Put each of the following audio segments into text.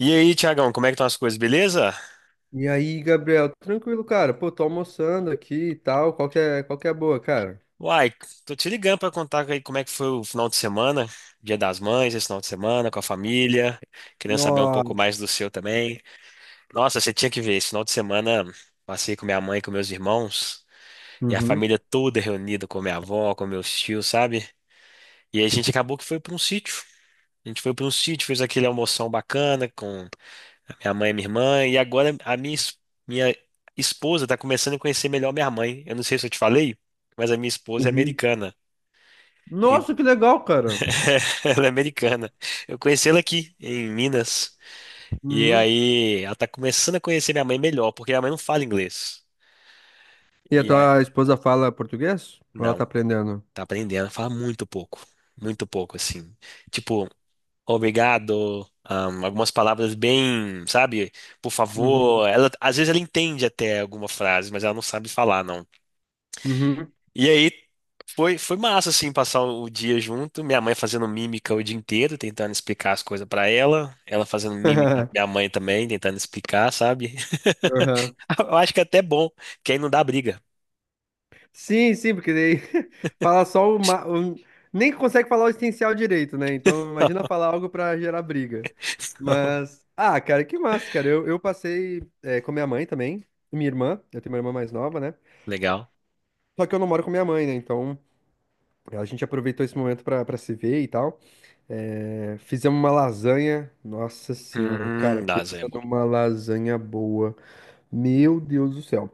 E aí, Tiagão, como é que estão as coisas, beleza? E aí, Gabriel, tranquilo, cara? Pô, tô almoçando aqui e tal. Qual que é a boa, cara? Uai, tô te ligando pra contar aí como é que foi o final de semana, Dia das Mães, esse final de semana, com a família, querendo saber um pouco Nossa. mais do seu também. Nossa, você tinha que ver, esse final de semana passei com minha mãe, com meus irmãos, e a Uhum. família toda reunida, com minha avó, com meus tios, sabe? E a gente acabou que foi pra um sítio. A gente foi pra um sítio, fez aquele almoção bacana, com minha mãe é minha irmã, e agora a minha, minha esposa está começando a conhecer melhor minha mãe. Eu não sei se eu te falei, mas a minha esposa é Uhum. americana. E- Nossa, que legal, cara. Ela é americana. Eu conheci ela aqui, em Minas. E Uhum. aí ela tá começando a conhecer minha mãe melhor, porque minha mãe não fala inglês. E a E aí, tua esposa fala português? Ou ela tá não, aprendendo? tá aprendendo, fala muito pouco. Muito pouco, assim. Tipo, obrigado, algumas palavras bem, sabe? Por favor. Uhum. Ela, às vezes ela entende até alguma frase, mas ela não sabe falar, não. Uhum. E aí foi massa, assim, passar o dia junto. Minha mãe fazendo mímica o dia inteiro, tentando explicar as coisas pra ela. Ela fazendo mímica, pra minha mãe também, tentando explicar, sabe? Uhum. Eu acho que é até bom, que aí não dá briga. Sim, sim, porque daí fala só o, ma- o- Nem consegue falar o essencial direito, né? Então imagina falar algo pra gerar briga. Mas. Ah, cara, que massa, cara. Eu passei com a minha mãe também, e minha irmã. Eu tenho uma irmã mais nova, né? Legal. Só que eu não moro com minha mãe, né? Então a gente aproveitou esse momento pra se ver e tal. É, fizemos uma lasanha. Nossa senhora, cara, Nossa, é pensa bom. numa lasanha boa. Meu Deus do céu.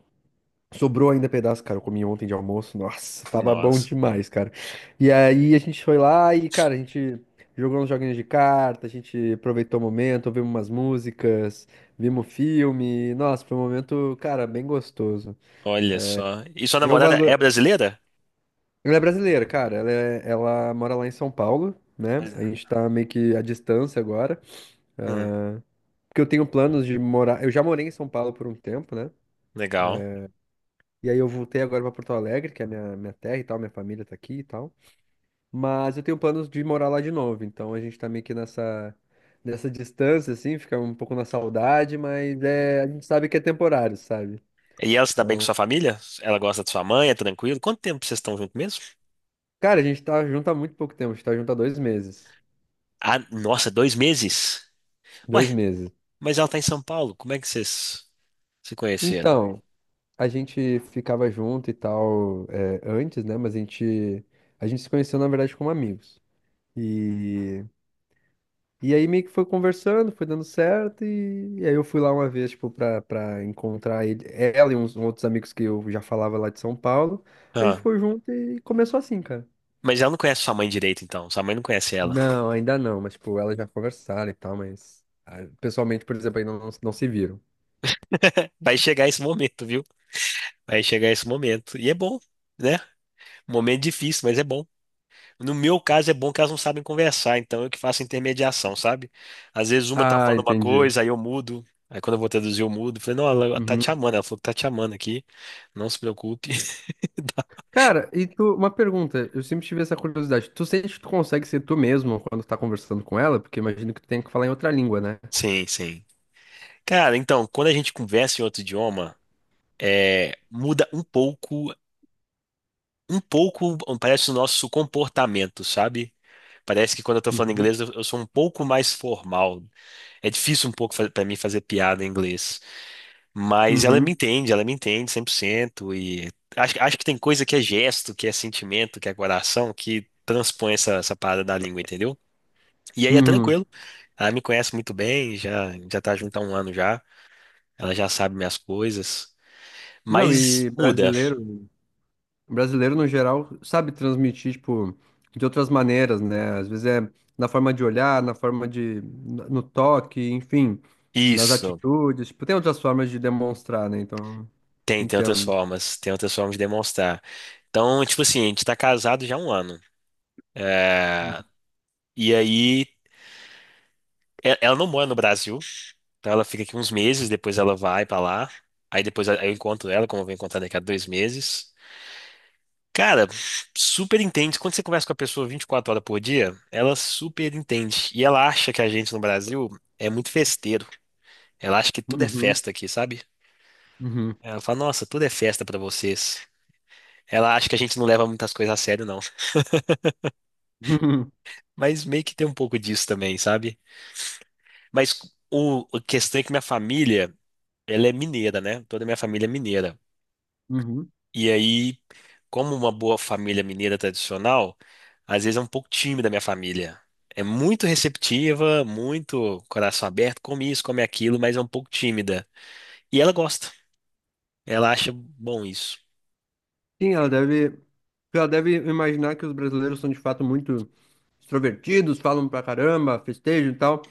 Sobrou ainda pedaço, cara. Eu comi ontem de almoço. Nossa, tava bom Nossa, demais, cara. E aí a gente foi lá e, cara, a gente jogou uns joguinhos de carta, a gente aproveitou o momento, ouvimos umas músicas, vimos filme. Nossa, foi um momento, cara, bem gostoso. olha só. E sua Eu namorada valo- é brasileira? Ela é brasileira, cara. Ela mora lá em São Paulo, né? Mas... A gente tá meio que à distância agora. hum, Porque eu tenho planos de morar. Eu já morei em São Paulo por um tempo, né? legal. E aí eu voltei agora pra Porto Alegre, que é minha terra e tal, minha família tá aqui e tal. Mas eu tenho planos de morar lá de novo. Então a gente tá meio que nessa distância, assim, fica um pouco na saudade, mas é, a gente sabe que é temporário, sabe? E ela se dá bem com sua Então. família? Ela gosta de sua mãe, é tranquilo? Quanto tempo vocês estão juntos mesmo? Cara, a gente tá junto há muito pouco tempo, a gente tá junto há dois meses. Ah, nossa, dois meses? Ué, Dois meses. mas ela está em São Paulo. Como é que vocês se conheceram? Então, a gente ficava junto e tal, é, antes, né? A gente se conheceu, na verdade, como amigos. E, e aí meio que foi conversando, foi dando certo, e aí eu fui lá uma vez, tipo, pra encontrar ela e uns outros amigos que eu já falava lá de São Paulo. A gente Ah, ficou junto e começou assim, cara. mas ela não conhece sua mãe direito, então. Sua mãe não conhece ela. Não, ainda não, mas, tipo, elas já conversaram e tal, mas ah, pessoalmente, por exemplo, ainda não, não se viram. Vai chegar esse momento, viu? Vai chegar esse momento. E é bom, né? Momento difícil, mas é bom. No meu caso, é bom que elas não sabem conversar, então eu que faço intermediação, sabe? Às vezes uma tá Ah, falando uma entendi. coisa, aí eu mudo. Aí quando eu vou traduzir, eu mudo. Falei, não, ela tá te Uhum. amando. Ela falou que tá te amando aqui. Não se preocupe. Cara, e tu, uma pergunta, eu sempre tive essa curiosidade. Tu sente que tu consegue ser tu mesmo quando tu tá conversando com ela? Porque imagino que tu tenha que falar em outra língua, né? Sim, sim. Cara, então, quando a gente conversa em outro idioma, é, muda um pouco parece o nosso comportamento, sabe? Parece que quando eu tô falando Uhum. inglês, eu sou um pouco mais formal. É difícil um pouco para mim fazer piada em inglês. Mas Uhum. Ela me entende 100%. E acho, acho que tem coisa que é gesto, que é sentimento, que é coração, que transpõe essa, essa parada da língua, entendeu? E aí é Uhum. tranquilo. Ela me conhece muito bem, já, já tá junto há um ano já. Ela já sabe minhas coisas. Não, Mas e muda. brasileiro, brasileiro no geral sabe transmitir, tipo, de outras maneiras, né? Às vezes é na forma de olhar, no toque, enfim, nas Isso. atitudes. Tipo, tem outras formas de demonstrar, né? Então, Tem, entendo. Tem outras formas de demonstrar. Então, tipo assim, a gente tá casado já há um ano. Ah, e aí, ela não mora no Brasil, então ela fica aqui uns meses, depois ela vai pra lá. Aí depois eu encontro ela, como eu vou encontrar daqui a dois meses. Cara, super entende. Quando você conversa com a pessoa 24 horas por dia, ela super entende. E ela acha que a gente no Brasil é muito festeiro. Ela acha que tudo é Uhum. festa aqui, sabe? Uhum. Ela fala, nossa, tudo é festa pra vocês. Ela acha que a gente não leva muitas coisas a sério, mas meio que tem um pouco disso também, sabe? Mas a questão é que minha família, ela é mineira, né? Toda minha família é mineira. Uhum. Uhum. E aí, como uma boa família mineira tradicional, às vezes é um pouco tímida a minha família. É muito receptiva, muito coração aberto, come isso, come aquilo, mas é um pouco tímida. E ela gosta. Ela acha bom isso. Sim, ela deve, ela deve imaginar que os brasileiros são de fato muito extrovertidos, falam pra caramba, festejam e tal.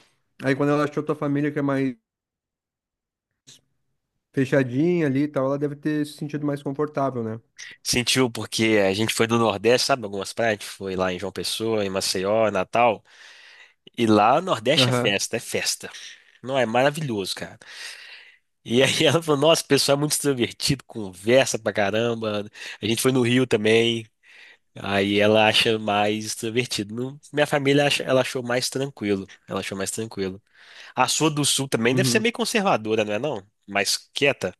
Aí quando ela achou tua família que é mais fechadinha ali e tal, ela deve ter se sentido mais confortável, né? Sentiu porque a gente foi do Nordeste, sabe? Algumas praias, a gente foi lá em João Pessoa, em Maceió, Natal. E lá no Nordeste é Aham. festa, é festa. Não, é maravilhoso, cara. E aí ela falou, nossa, o pessoal é muito extrovertido, conversa pra caramba. A gente foi no Rio também. Aí ela acha mais extrovertido. Minha família ela achou mais tranquilo. Ela achou mais tranquilo. A sua do Sul também deve ser Uhum. meio conservadora, não é não? Mais quieta.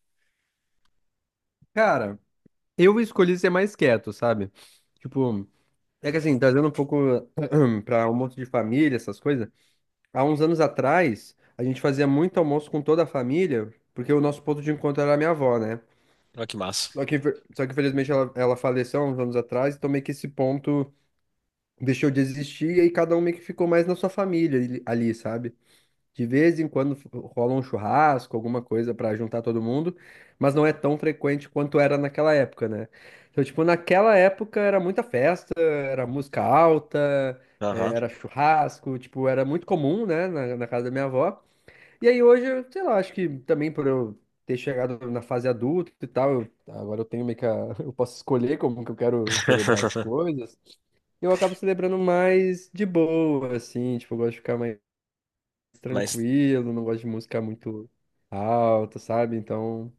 Cara, eu escolhi ser mais quieto, sabe? Tipo, é que assim, trazendo um pouco pra almoço de família, essas coisas. Há uns anos atrás, a gente fazia muito almoço com toda a família, porque o nosso ponto de encontro era a minha avó, né? Olha que massa. Só que infelizmente ela faleceu há uns anos atrás, então meio que esse ponto deixou de existir e aí cada um meio que ficou mais na sua família ali, sabe? De vez em quando rola um churrasco, alguma coisa pra juntar todo mundo, mas não é tão frequente quanto era naquela época, né? Então, tipo, naquela época era muita festa, era música alta, Aham. era churrasco, tipo, era muito comum, né, na casa da minha avó. E aí hoje, eu, sei lá, acho que também por eu ter chegado na fase adulta e tal, agora eu tenho meio que a, eu posso escolher como que eu quero celebrar as coisas. Eu acabo celebrando mais de boa, assim, tipo, eu gosto de ficar mais Mas tranquilo, não gosto de música muito alta, sabe? Então,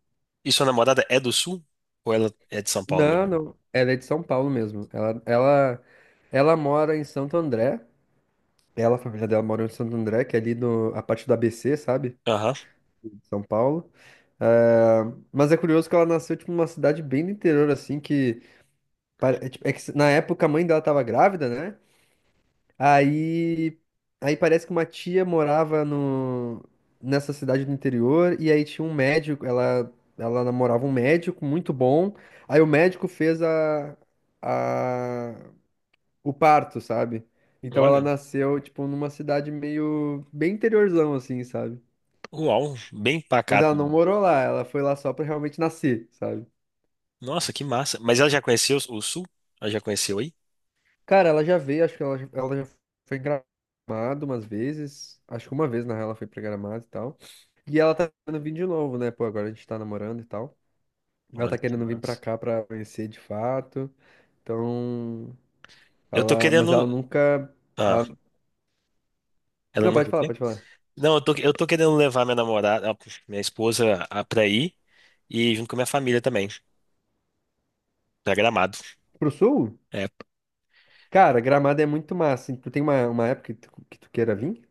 e sua namorada é do Sul? Ou ela é de São Paulo não, mesmo? não. Ela é de São Paulo mesmo. Ela mora em Santo André. Ela, a família dela mora em Santo André, que é ali no, a parte do ABC, sabe? Aham. São Paulo. Ah, mas é curioso que ela nasceu, tipo, numa cidade bem do interior, assim, que... É tipo, é que na época a mãe dela tava grávida, né? Aí... Aí parece que uma tia morava no... nessa cidade do interior, e aí tinha um médico, ela... Ela namorava um médico muito bom, aí o médico fez a... o parto, sabe? Então ela Olha. nasceu, tipo, numa cidade meio... bem interiorzão, assim, sabe? Uau, bem Mas ela pacato não mesmo. morou lá, ela foi lá só pra realmente nascer, sabe? Nossa, que massa. Mas ela já conheceu o Sul? Ela já conheceu aí? Cara, ela já veio, acho que ela já foi em Gramado umas vezes. Acho que uma vez, na real, ela foi pra Gramado e tal. E ela tá querendo vir de novo, né? Pô, agora a gente tá namorando e tal. Ela Olha tá que querendo vir pra massa. cá pra conhecer de fato. Então, Eu tô ela. Mas ela querendo. nunca. Ah, Ela... ela Não, não pode o falar, quê? pode falar. Não, eu tô querendo levar minha namorada, ah, minha esposa, pra ir e junto com a minha família também, pra Gramado. Pro sul? É, Cara, Gramado é muito massa. Hein? Tu tem uma época que que tu queira vir?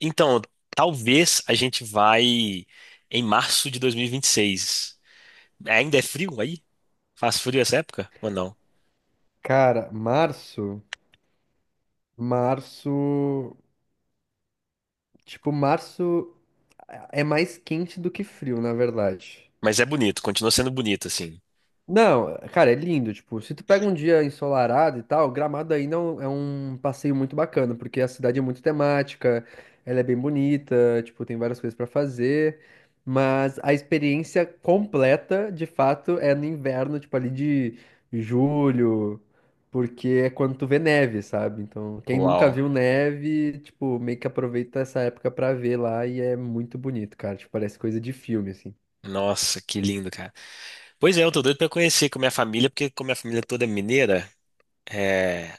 então, talvez a gente vai em março de 2026. Ainda é frio aí? Faz frio essa época? Ou não? Cara, março. Março. Tipo, março. É mais quente do que frio, na verdade. Mas é bonito, continua sendo bonito assim. Não, cara, é lindo. Tipo, se tu pega um dia ensolarado e tal, Gramado ainda é é um passeio muito bacana, porque a cidade é muito temática, ela é bem bonita, tipo, tem várias coisas pra fazer. Mas a experiência completa, de fato, é no inverno, tipo, ali de julho, porque é quando tu vê neve, sabe? Então, quem nunca Uau. viu neve, tipo, meio que aproveita essa época pra ver lá e é muito bonito, cara. Tipo, parece coisa de filme, assim. Nossa, que lindo, cara. Pois é, eu tô doido pra conhecer com a minha família, porque como minha família toda é mineira, é,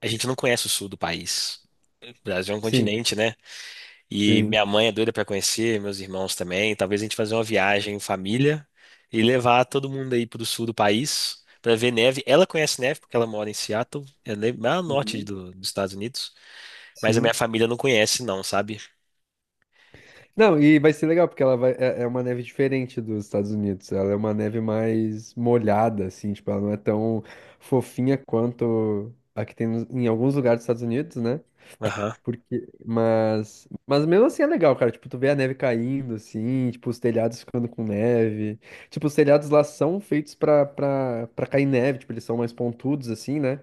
a gente não conhece o sul do país. O Brasil é um Sim, continente, né? E sim. minha mãe é doida para conhecer, meus irmãos também. Talvez a gente fazer uma viagem em família e levar todo mundo aí pro sul do país para ver neve. Ela conhece neve porque ela mora em Seattle, lá no norte Uhum. do- dos Estados Unidos. Mas a Sim. minha família não conhece, não, sabe? Não, e vai ser legal, porque ela vai, é, é uma neve diferente dos Estados Unidos. Ela é uma neve mais molhada, assim, tipo, ela não é tão fofinha quanto a que tem em alguns lugares dos Estados Unidos, né? Aham. Porque, mas mesmo assim é legal, cara. Tipo, tu vê a neve caindo, assim, tipo, os telhados ficando com neve. Tipo, os telhados lá são feitos pra cair neve, tipo, eles são mais pontudos, assim, né?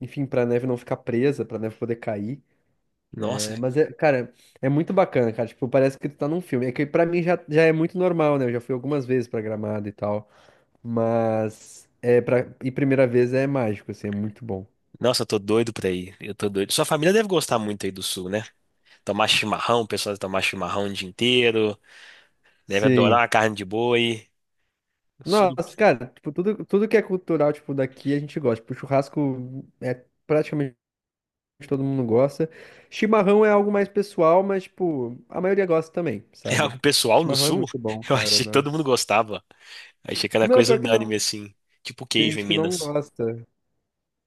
Enfim, pra neve não ficar presa, pra neve poder cair. Nossa. É, mas, é, cara, é muito bacana, cara. Tipo, parece que tu tá num filme. É que pra mim já é muito normal, né? Eu já fui algumas vezes pra Gramado e tal. Mas, é, pra, e primeira vez é mágico, assim, é muito bom. Nossa, eu tô doido pra ir. Eu tô doido. Sua família deve gostar muito aí do sul, né? Tomar chimarrão, o pessoal deve tomar chimarrão o dia inteiro. Deve adorar Sim. a carne de boi. O sul do- Nossa, cara, tipo, tudo que é cultural, tipo, daqui a gente gosta. Tipo, churrasco é praticamente todo mundo gosta. Chimarrão é algo mais pessoal, mas, tipo, a maioria gosta também, É sabe? algo pessoal no Chimarrão é sul? muito bom, Eu cara, achei que todo mundo nossa. gostava. Achei cada Não, coisa pior que unânime, não. assim. Tipo Tem queijo em gente que não Minas. gosta.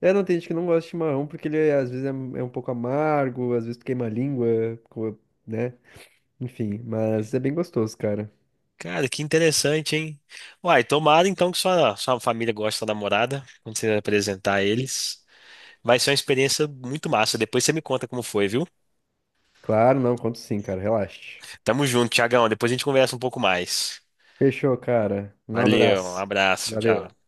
É, não, tem gente que não gosta de chimarrão porque às vezes é, é um pouco amargo, às vezes tu queima a língua, co- né? Enfim, mas é bem gostoso, cara. Cara, que interessante, hein? Uai, tomara então que sua família goste da namorada, quando você apresentar eles. Vai ser uma experiência muito massa. Depois você me conta como foi, viu? Claro, não, conto sim, cara, relaxe. Tamo junto, Tiagão. Depois a gente conversa um pouco mais. Fechou, cara. Um Valeu, um abraço. abraço, tchau. Valeu.